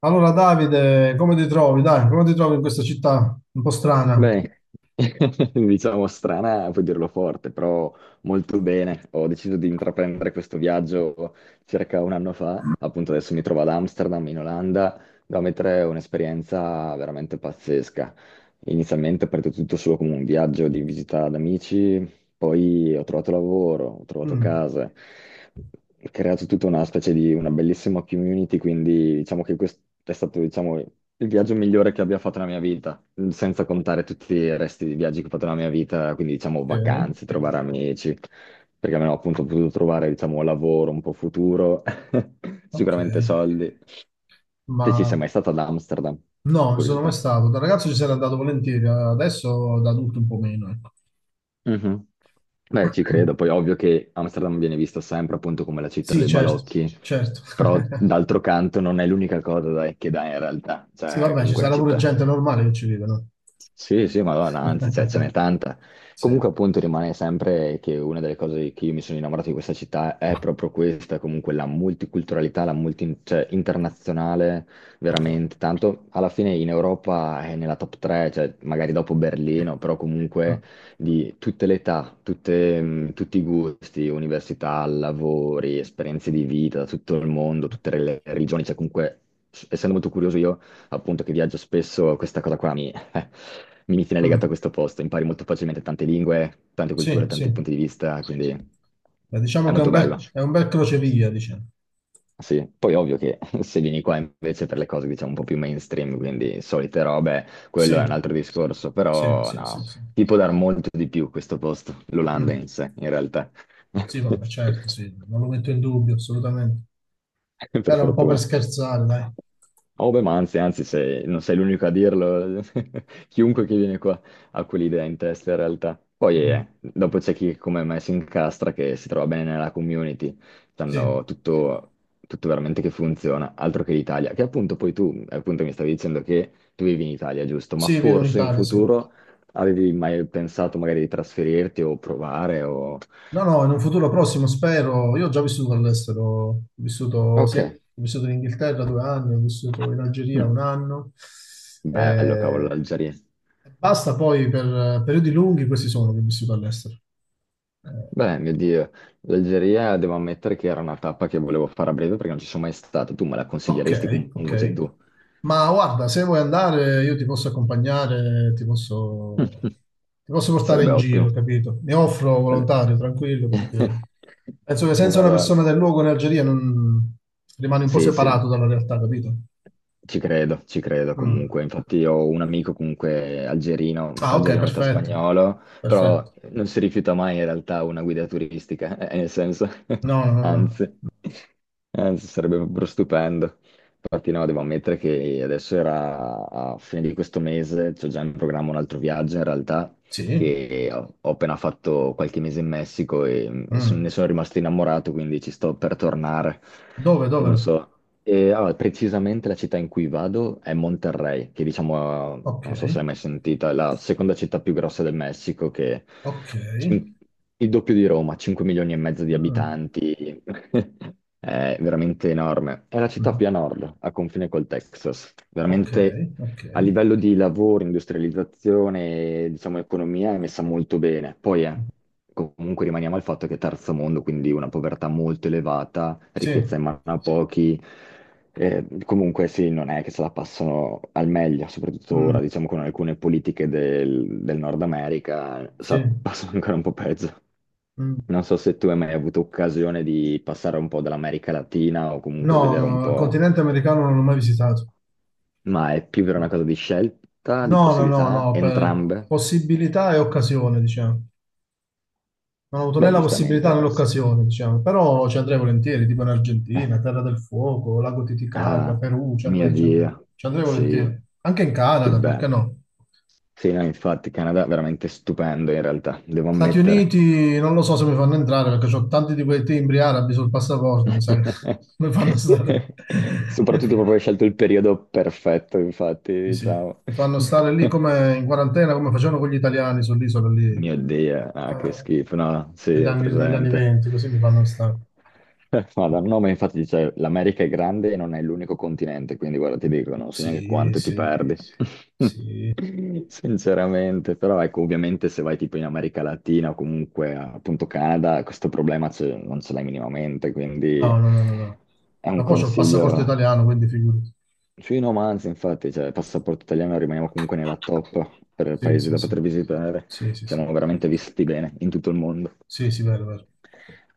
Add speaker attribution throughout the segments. Speaker 1: Allora, Davide, come ti trovi? Dai, come ti trovi in questa città un po' strana?
Speaker 2: Beh, diciamo strana, puoi dirlo forte, però molto bene. Ho deciso di intraprendere questo viaggio circa un anno fa, appunto adesso mi trovo ad Amsterdam, in Olanda, da mettere un'esperienza veramente pazzesca. Inizialmente è partito tutto solo come un viaggio di visita ad amici, poi ho trovato lavoro, ho trovato
Speaker 1: Mm,
Speaker 2: casa, ho creato tutta una specie di una bellissima community, quindi diciamo che questo è stato, diciamo, il viaggio migliore che abbia fatto nella mia vita, senza contare tutti i resti di viaggi che ho fatto nella mia vita, quindi diciamo
Speaker 1: ok,
Speaker 2: vacanze, trovare amici, perché almeno appunto ho potuto trovare, diciamo, lavoro un po' futuro,
Speaker 1: ok,
Speaker 2: sicuramente soldi.
Speaker 1: ma
Speaker 2: Te ci sei
Speaker 1: no,
Speaker 2: mai stata ad Amsterdam?
Speaker 1: non ci sono mai
Speaker 2: Curiosità.
Speaker 1: stato. Da ragazzo ci sarei andato volentieri, adesso da adulto un po' meno, ecco.
Speaker 2: Mhm. Beh, ci credo, poi ovvio che Amsterdam viene vista sempre appunto come la città
Speaker 1: Sì,
Speaker 2: dei
Speaker 1: certo,
Speaker 2: balocchi,
Speaker 1: certo.
Speaker 2: però d'altro canto non è l'unica cosa dai, che dà in realtà,
Speaker 1: Sì,
Speaker 2: cioè è
Speaker 1: vabbè, ci
Speaker 2: comunque una
Speaker 1: sarà pure
Speaker 2: città.
Speaker 1: gente normale che ci vive, no?
Speaker 2: Sì, sì, ma guarda, anzi, cioè, ce n'è tanta.
Speaker 1: Sì,
Speaker 2: Comunque, appunto, rimane sempre che una delle cose che io mi sono innamorato di questa città è proprio questa, comunque la multiculturalità, la multi, cioè, internazionale,
Speaker 1: ok.
Speaker 2: veramente. Tanto alla fine in Europa è nella top 3, cioè, magari dopo Berlino, però comunque
Speaker 1: Mm,
Speaker 2: di tutte le età, tutte, tutti i gusti, università, lavori, esperienze di vita, da tutto il mondo, tutte le religioni, cioè comunque, essendo molto curioso io appunto che viaggio spesso, questa cosa qua, eh, mi tiene legato
Speaker 1: mm,
Speaker 2: a questo posto, impari molto facilmente tante lingue, tante
Speaker 1: sì,
Speaker 2: culture,
Speaker 1: sì.
Speaker 2: tanti punti di vista, quindi
Speaker 1: Beh,
Speaker 2: è
Speaker 1: diciamo che
Speaker 2: molto bello,
Speaker 1: è un bel crocevia, diciamo.
Speaker 2: sì. Poi ovvio che se vieni qua invece per le cose diciamo un po' più mainstream, quindi solite robe, quello è un
Speaker 1: Sì,
Speaker 2: altro discorso,
Speaker 1: sì,
Speaker 2: però
Speaker 1: sì,
Speaker 2: no,
Speaker 1: sì, sì.
Speaker 2: ti può dar molto di più questo posto, l'Olanda
Speaker 1: Mm.
Speaker 2: in sé, in realtà.
Speaker 1: Sì, vabbè, certo, sì, non lo metto in dubbio, assolutamente.
Speaker 2: Per
Speaker 1: Era un po' per
Speaker 2: fortuna.
Speaker 1: scherzare, dai.
Speaker 2: Oh, beh, ma anzi, anzi, non sei l'unico a dirlo, chiunque che viene qua ha quell'idea in testa in realtà. Poi
Speaker 1: Mm.
Speaker 2: dopo c'è chi come me si incastra, che si trova bene nella community,
Speaker 1: Sì,
Speaker 2: sanno tutto, tutto veramente che funziona, altro che l'Italia. Che appunto poi tu, appunto mi stavi dicendo che tu vivi in Italia, giusto? Ma
Speaker 1: sì, vivo in
Speaker 2: forse in
Speaker 1: Italia, sì.
Speaker 2: futuro avevi mai pensato magari di trasferirti o provare o...
Speaker 1: No, no, in un futuro prossimo spero. Io ho già vissuto all'estero, ho vissuto,
Speaker 2: Ok.
Speaker 1: ho vissuto in Inghilterra due anni, ho vissuto in Algeria un
Speaker 2: Mm,
Speaker 1: anno.
Speaker 2: bello, cavolo,
Speaker 1: Eh,
Speaker 2: l'Algeria.
Speaker 1: basta poi per periodi lunghi, questi sono che ho vissuto all'estero. Eh,
Speaker 2: Beh, mio Dio, l'Algeria devo ammettere che era una tappa che volevo fare a breve perché non ci sono mai stato. Tu me la consiglieresti
Speaker 1: Ok,
Speaker 2: comunque, c'è
Speaker 1: ok.
Speaker 2: tu.
Speaker 1: Ma guarda, se vuoi andare, io ti posso accompagnare, ti posso portare
Speaker 2: Sarebbe
Speaker 1: in
Speaker 2: ottimo.
Speaker 1: giro, capito? Mi offro
Speaker 2: Quello-
Speaker 1: volontario, tranquillo, perché penso che senza una persona
Speaker 2: Madonna.
Speaker 1: del luogo in Algeria non... rimani un po'
Speaker 2: Sì, sì.
Speaker 1: separato dalla realtà, capito?
Speaker 2: Ci credo
Speaker 1: Mm.
Speaker 2: comunque. Infatti ho un amico comunque
Speaker 1: Ah, ok,
Speaker 2: algerino, metà
Speaker 1: perfetto.
Speaker 2: spagnolo,
Speaker 1: Perfetto.
Speaker 2: però non si rifiuta mai in realtà una guida turistica, nel senso,
Speaker 1: No, no, no,
Speaker 2: anzi,
Speaker 1: no.
Speaker 2: anzi sarebbe proprio stupendo. Infatti no, devo ammettere che adesso era a fine di questo mese, c'ho già in programma un altro viaggio in realtà,
Speaker 1: Sì.
Speaker 2: che ho, ho appena fatto qualche mese in Messico e
Speaker 1: Mm.
Speaker 2: ne sono rimasto innamorato, quindi ci sto per tornare.
Speaker 1: Dove, dove?
Speaker 2: Non so. E, allora, precisamente la città in cui vado è Monterrey, che diciamo,
Speaker 1: Ok,
Speaker 2: non so se l'hai mai sentita, è la seconda città più grossa del Messico, che
Speaker 1: ok.
Speaker 2: cin- il doppio di Roma, 5 milioni e mezzo di
Speaker 1: Mm.
Speaker 2: abitanti, è veramente enorme. È la città
Speaker 1: Mm.
Speaker 2: più a nord, a confine col Texas,
Speaker 1: Ok,
Speaker 2: veramente
Speaker 1: ok.
Speaker 2: a livello di lavoro, industrializzazione, diciamo, economia è messa molto bene. Poi
Speaker 1: Mm.
Speaker 2: comunque rimaniamo al fatto che è terzo mondo, quindi una povertà molto elevata,
Speaker 1: Sì.
Speaker 2: ricchezza in mano a pochi. Comunque sì, non è che se la passano al meglio, soprattutto
Speaker 1: Mm.
Speaker 2: ora, diciamo, con alcune politiche del, del Nord America,
Speaker 1: Sì.
Speaker 2: passano ancora un po' peggio.
Speaker 1: Mm,
Speaker 2: Non so se tu hai mai avuto occasione di passare un po' dall'America Latina o comunque vedere un
Speaker 1: no, il
Speaker 2: po',
Speaker 1: continente americano non l'ho mai visitato.
Speaker 2: ma è più per una cosa di scelta, di
Speaker 1: No, no, no,
Speaker 2: possibilità,
Speaker 1: no, per
Speaker 2: entrambe?
Speaker 1: possibilità e occasione, diciamo. Non ho avuto né
Speaker 2: Beh,
Speaker 1: la
Speaker 2: giustamente,
Speaker 1: possibilità
Speaker 2: in
Speaker 1: né
Speaker 2: realtà.
Speaker 1: l'occasione, diciamo, però ci andrei volentieri, tipo in Argentina, Terra del Fuoco, Lago Titicaca,
Speaker 2: Ah,
Speaker 1: Perù, ci
Speaker 2: mio
Speaker 1: andrei, ci andrei,
Speaker 2: Dio,
Speaker 1: ci andrei
Speaker 2: sì,
Speaker 1: volentieri. Anche in
Speaker 2: che
Speaker 1: Canada, perché
Speaker 2: bello.
Speaker 1: no?
Speaker 2: Sì, no, infatti, Canada è veramente stupendo in realtà, devo
Speaker 1: Stati
Speaker 2: ammettere.
Speaker 1: Uniti, non lo so se mi fanno entrare perché ho tanti di quei timbri arabi sul passaporto, mi sa che mi fanno stare.
Speaker 2: Soprattutto proprio hai scelto il periodo perfetto, infatti,
Speaker 1: Sì, sì.
Speaker 2: diciamo.
Speaker 1: Mi fanno stare lì come in quarantena, come facevano con gli italiani sull'isola lì,
Speaker 2: Mio Dio, ah, che
Speaker 1: eh,
Speaker 2: schifo, no, sì, ho
Speaker 1: negli anni
Speaker 2: presente.
Speaker 1: 20, così mi fanno stare.
Speaker 2: Guarda, il nome infatti dice l'America è grande e non è l'unico continente, quindi guarda, ti dico, non so neanche
Speaker 1: Sì,
Speaker 2: quanto ti
Speaker 1: sì,
Speaker 2: perdi.
Speaker 1: sì.
Speaker 2: Sinceramente, però ecco, ovviamente se vai tipo in America Latina o comunque appunto Canada, questo problema non ce l'hai minimamente, quindi
Speaker 1: No, no, no, no, no.
Speaker 2: è un
Speaker 1: Ma poi c'ho il passaporto
Speaker 2: consiglio
Speaker 1: italiano, quindi figurati.
Speaker 2: sui romanzi, infatti, cioè, passaporto italiano rimaniamo comunque nella top per
Speaker 1: Sì,
Speaker 2: paesi
Speaker 1: sì,
Speaker 2: da
Speaker 1: sì.
Speaker 2: poter visitare.
Speaker 1: Sì, sì, sì.
Speaker 2: Siamo veramente visti bene in tutto il mondo.
Speaker 1: Sì, sì, vero, vero.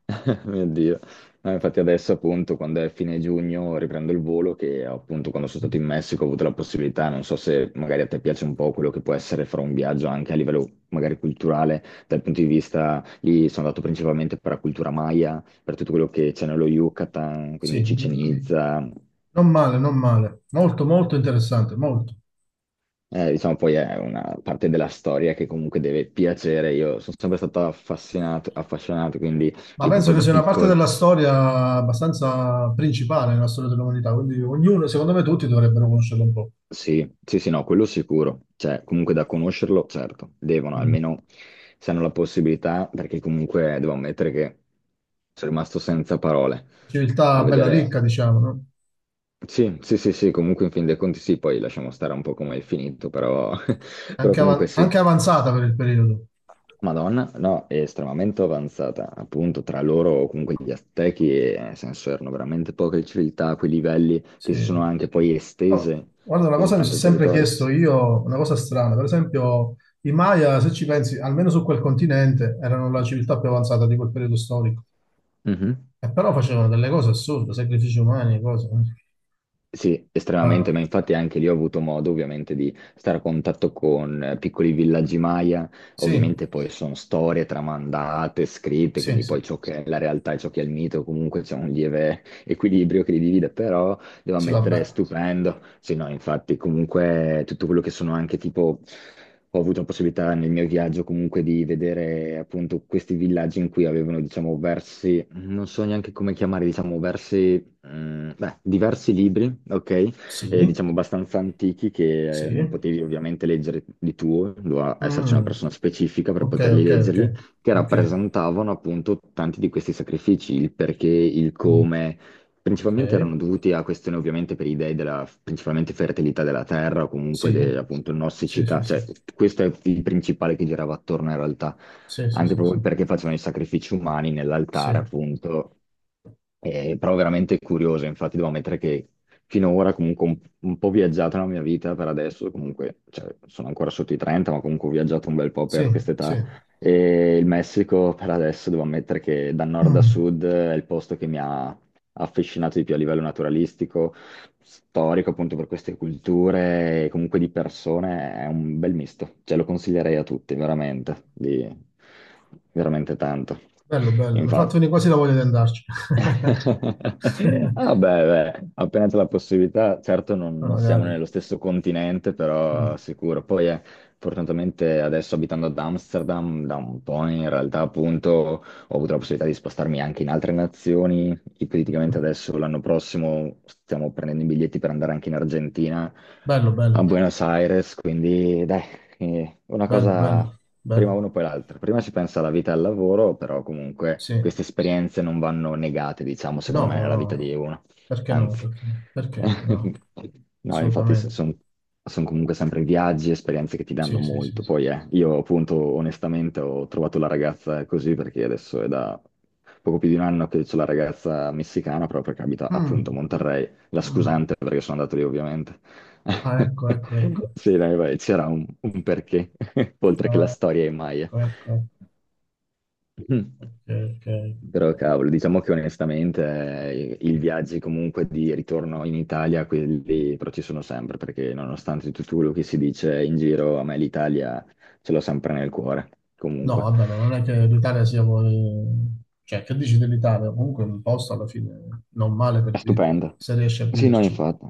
Speaker 2: Mio Dio. No, infatti adesso appunto quando è fine giugno riprendo il volo che appunto quando sono stato in Messico ho avuto la possibilità, non so se magari a te piace un po' quello che può essere fare un viaggio anche a livello magari culturale, dal punto di vista lì sono andato principalmente per la cultura maya, per tutto quello che c'è nello Yucatan, quindi
Speaker 1: Sì, mm,
Speaker 2: Cicenizza.
Speaker 1: non male, non male. Molto, molto interessante, molto.
Speaker 2: Diciamo poi è una parte della storia che comunque deve piacere. Io sono sempre stato affascinato, affascinato, quindi
Speaker 1: Ma
Speaker 2: io
Speaker 1: penso
Speaker 2: proprio
Speaker 1: che
Speaker 2: da
Speaker 1: sia una parte
Speaker 2: piccolo,
Speaker 1: della storia abbastanza principale nella storia dell'umanità, quindi ognuno, secondo me tutti dovrebbero conoscerla un po'.
Speaker 2: sì, sì, sì, no, quello sicuro. Cioè, comunque da conoscerlo, certo, devono,
Speaker 1: Mm.
Speaker 2: almeno se hanno la possibilità, perché comunque devo ammettere che sono rimasto senza parole
Speaker 1: Civiltà
Speaker 2: a
Speaker 1: bella
Speaker 2: vedere.
Speaker 1: ricca, diciamo, no?
Speaker 2: Sì, sì, sì, sì, comunque in fin dei conti sì, poi lasciamo stare un po' come è finito, però, però
Speaker 1: Anche,
Speaker 2: comunque sì,
Speaker 1: anche avanzata per il periodo.
Speaker 2: Madonna, no, è estremamente avanzata, appunto, tra loro o comunque gli Aztechi, nel senso, erano veramente poche civiltà a quei livelli che
Speaker 1: Sì.
Speaker 2: si sono anche poi
Speaker 1: Però,
Speaker 2: estese
Speaker 1: guarda, una
Speaker 2: così
Speaker 1: cosa mi sono
Speaker 2: tanto il, sì, sì,
Speaker 1: sempre
Speaker 2: territorio.
Speaker 1: chiesto io, una cosa strana, per esempio i Maya, se ci pensi, almeno su quel continente, erano la civiltà più avanzata di quel periodo storico,
Speaker 2: Sì.
Speaker 1: e però facevano delle cose assurde, sacrifici umani, e cose. Eh.
Speaker 2: Sì,
Speaker 1: Ah,
Speaker 2: estremamente, ma infatti anche lì ho avuto modo ovviamente di stare a contatto con piccoli villaggi Maya,
Speaker 1: sì,
Speaker 2: ovviamente poi sono storie tramandate, scritte,
Speaker 1: sì,
Speaker 2: quindi poi
Speaker 1: sì,
Speaker 2: ciò che è la realtà e ciò che è il mito, comunque c'è un lieve equilibrio che li divide, però devo
Speaker 1: sì,
Speaker 2: ammettere è
Speaker 1: vabbè.
Speaker 2: stupendo, sì no, infatti comunque tutto quello che sono anche tipo... Ho avuto la possibilità nel mio viaggio comunque di vedere appunto questi villaggi in cui avevano, diciamo, versi, non so neanche come chiamare, diciamo, versi. Mm, beh, diversi libri, ok?
Speaker 1: Sì,
Speaker 2: Diciamo abbastanza antichi che
Speaker 1: sì.
Speaker 2: non potevi ovviamente leggere di tuo, doveva esserci una
Speaker 1: Mm,
Speaker 2: persona specifica per
Speaker 1: ok,
Speaker 2: poterli
Speaker 1: ok, ok,
Speaker 2: leggerli, che
Speaker 1: ok,
Speaker 2: rappresentavano appunto tanti di questi sacrifici, il perché, il
Speaker 1: mm,
Speaker 2: come.
Speaker 1: ok,
Speaker 2: Principalmente erano dovuti a questioni ovviamente per i dei della principalmente fertilità della terra o comunque
Speaker 1: sì,
Speaker 2: appunto
Speaker 1: sì,
Speaker 2: nossicità,
Speaker 1: sì, sì,
Speaker 2: cioè questo è il principale che girava attorno in realtà,
Speaker 1: sì, sì,
Speaker 2: anche proprio
Speaker 1: sì,
Speaker 2: perché facevano i sacrifici umani
Speaker 1: sì,
Speaker 2: nell'altare
Speaker 1: sì,
Speaker 2: appunto, però veramente curiosa, infatti devo ammettere che finora comunque un po' viaggiata la mia vita per adesso, comunque cioè, sono ancora sotto i 30, ma comunque ho viaggiato un bel po'
Speaker 1: sì,
Speaker 2: per
Speaker 1: sì.
Speaker 2: quest'età e il Messico per adesso devo ammettere che da nord a
Speaker 1: Mm,
Speaker 2: sud è il posto che mi ha affascinato di più a livello naturalistico, storico appunto per queste culture e comunque di persone, è un bel misto, cioè lo consiglierei a tutti, veramente, di- veramente tanto.
Speaker 1: bello, bello, mi ha fatto
Speaker 2: Infatti.
Speaker 1: venire quasi la voglia di andarci.
Speaker 2: Ah beh, beh, appena c'è la possibilità, certo non,
Speaker 1: Ma
Speaker 2: non siamo
Speaker 1: magari.
Speaker 2: nello stesso continente,
Speaker 1: Mm,
Speaker 2: però sicuro. Poi fortunatamente adesso abitando ad Amsterdam da un po' in realtà appunto ho avuto la possibilità di spostarmi anche in altre nazioni. Ipoteticamente
Speaker 1: mhm.
Speaker 2: adesso l'anno prossimo stiamo prendendo i biglietti per andare anche in Argentina,
Speaker 1: Bello,
Speaker 2: a
Speaker 1: bello,
Speaker 2: Buenos Aires, quindi dai, una
Speaker 1: bello,
Speaker 2: cosa
Speaker 1: bello,
Speaker 2: prima
Speaker 1: bello,
Speaker 2: uno poi l'altra. Prima ci pensa alla vita e al lavoro, però comunque
Speaker 1: sì.
Speaker 2: queste esperienze non vanno negate, diciamo, secondo
Speaker 1: No,
Speaker 2: me,
Speaker 1: no,
Speaker 2: nella vita
Speaker 1: no,
Speaker 2: di uno.
Speaker 1: perché no?
Speaker 2: Anzi,
Speaker 1: Perché, perché no?
Speaker 2: no, infatti
Speaker 1: Assolutamente,
Speaker 2: sono comunque sempre viaggi, esperienze che ti danno
Speaker 1: sì, sì,
Speaker 2: molto.
Speaker 1: sì.
Speaker 2: Poi io appunto onestamente ho trovato la ragazza così perché adesso è da poco più di un anno che c'ho la ragazza messicana, proprio perché abita appunto a
Speaker 1: Mm,
Speaker 2: Monterrey. La
Speaker 1: mm.
Speaker 2: scusante perché sono andato lì ovviamente.
Speaker 1: Ah, ecco, ecco, ecco.
Speaker 2: Sì, dai, vai, c'era un perché, oltre che la
Speaker 1: Ah,
Speaker 2: storia è Maya.
Speaker 1: ecco, ecco, ecco. Ok, ok.
Speaker 2: Però cavolo, diciamo che onestamente i viaggi comunque di ritorno in Italia, quelli però ci sono sempre, perché nonostante tutto quello che si dice in giro, a me l'Italia ce l'ho sempre nel cuore,
Speaker 1: No,
Speaker 2: comunque.
Speaker 1: vabbè, ma non è che l'Italia sia... cioè, che dici dell'Italia? Comunque è un posto alla fine non male
Speaker 2: È
Speaker 1: per vivere,
Speaker 2: stupendo.
Speaker 1: se riesci a
Speaker 2: Sì, no,
Speaker 1: viverci.
Speaker 2: infatti.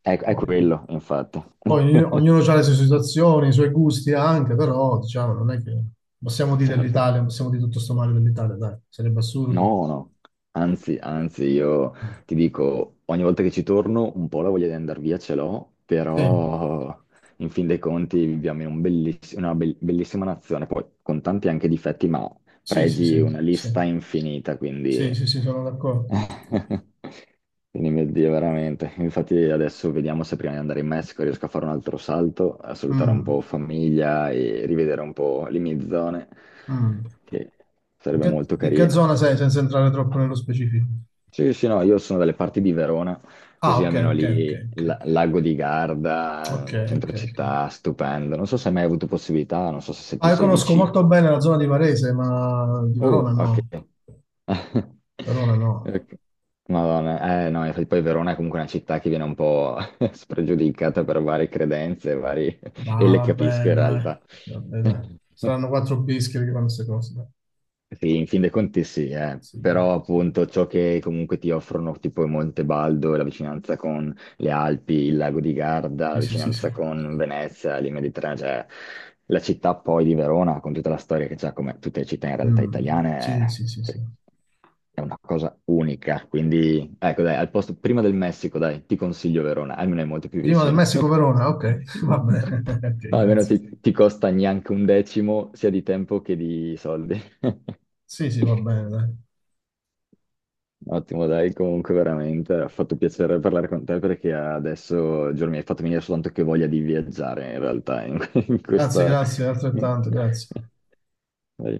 Speaker 2: È
Speaker 1: Poi,
Speaker 2: quello, infatti.
Speaker 1: poi ognuno ha le sue situazioni, i suoi gusti anche, però diciamo, non è che possiamo dire
Speaker 2: Certo.
Speaker 1: dell'Italia, possiamo dire tutto sto male dell'Italia, dai, sarebbe assurdo.
Speaker 2: No, no, anzi, anzi, io ti dico, ogni volta che ci torno un po' la voglia di andare via ce l'ho,
Speaker 1: Sì,
Speaker 2: però in fin dei conti viviamo in un bellissima nazione, poi con tanti anche difetti, ma
Speaker 1: sì, sì, sì,
Speaker 2: pregi una
Speaker 1: sì,
Speaker 2: lista infinita,
Speaker 1: sì,
Speaker 2: quindi...
Speaker 1: sì, sì, sono d'accordo.
Speaker 2: Quindi mio Dio, veramente. Infatti adesso vediamo se prima di andare in Messico riesco a fare un altro salto, a salutare un
Speaker 1: Mm,
Speaker 2: po' famiglia e rivedere un po' le mie zone,
Speaker 1: mm.
Speaker 2: che sarebbe molto
Speaker 1: Di che
Speaker 2: carino.
Speaker 1: zona sei senza entrare troppo nello specifico?
Speaker 2: Sì, sì, no, io sono dalle parti di Verona,
Speaker 1: Ah,
Speaker 2: così
Speaker 1: ok,
Speaker 2: almeno
Speaker 1: ok, ok,
Speaker 2: lì
Speaker 1: ok,
Speaker 2: Lago di
Speaker 1: ok,
Speaker 2: Garda,
Speaker 1: ok,
Speaker 2: centro
Speaker 1: ok.
Speaker 2: città, stupendo. Non so se hai mai avuto possibilità, non so se
Speaker 1: Ah,
Speaker 2: tu
Speaker 1: io
Speaker 2: sei
Speaker 1: conosco
Speaker 2: vicino.
Speaker 1: molto bene la zona di Varese, ma di Verona
Speaker 2: Oh, ok.
Speaker 1: no. Verona no.
Speaker 2: Ok. Madonna, eh no, infatti poi Verona è comunque una città che viene un po' spregiudicata per varie credenze, vari... e
Speaker 1: Ah,
Speaker 2: le capisco
Speaker 1: vabbè,
Speaker 2: in
Speaker 1: dai.
Speaker 2: realtà.
Speaker 1: Vabbè, dai. Saranno quattro bischi che fanno queste cose, dai.
Speaker 2: Sì, in fin dei conti sì, eh.
Speaker 1: Sì, dai.
Speaker 2: Però appunto ciò che comunque ti offrono tipo Montebaldo e la vicinanza con le Alpi, il lago di Garda, la
Speaker 1: Sì, sì, sì, sì.
Speaker 2: vicinanza con Venezia, il Mediterraneo, cioè la città poi di Verona, con tutta la storia che c'ha, come tutte le città in realtà
Speaker 1: Mm, sì,
Speaker 2: italiane,
Speaker 1: sì, sì, sì.
Speaker 2: è è una cosa unica. Quindi, ecco, dai, al posto prima del Messico, dai, ti consiglio Verona, almeno è molto più
Speaker 1: Prima del
Speaker 2: vicino.
Speaker 1: Messico-Verona, ok. Va bene. Ok,
Speaker 2: No, almeno
Speaker 1: grazie.
Speaker 2: ti costa neanche un decimo sia di tempo che di soldi.
Speaker 1: Sì, sì, va bene, dai.
Speaker 2: Ottimo, dai, comunque veramente ha fatto piacere parlare con te perché adesso, Giorgio, mi hai fatto venire soltanto che voglia di viaggiare in realtà in, in
Speaker 1: Grazie,
Speaker 2: questa...
Speaker 1: grazie, altrettanto, grazie.
Speaker 2: Dai.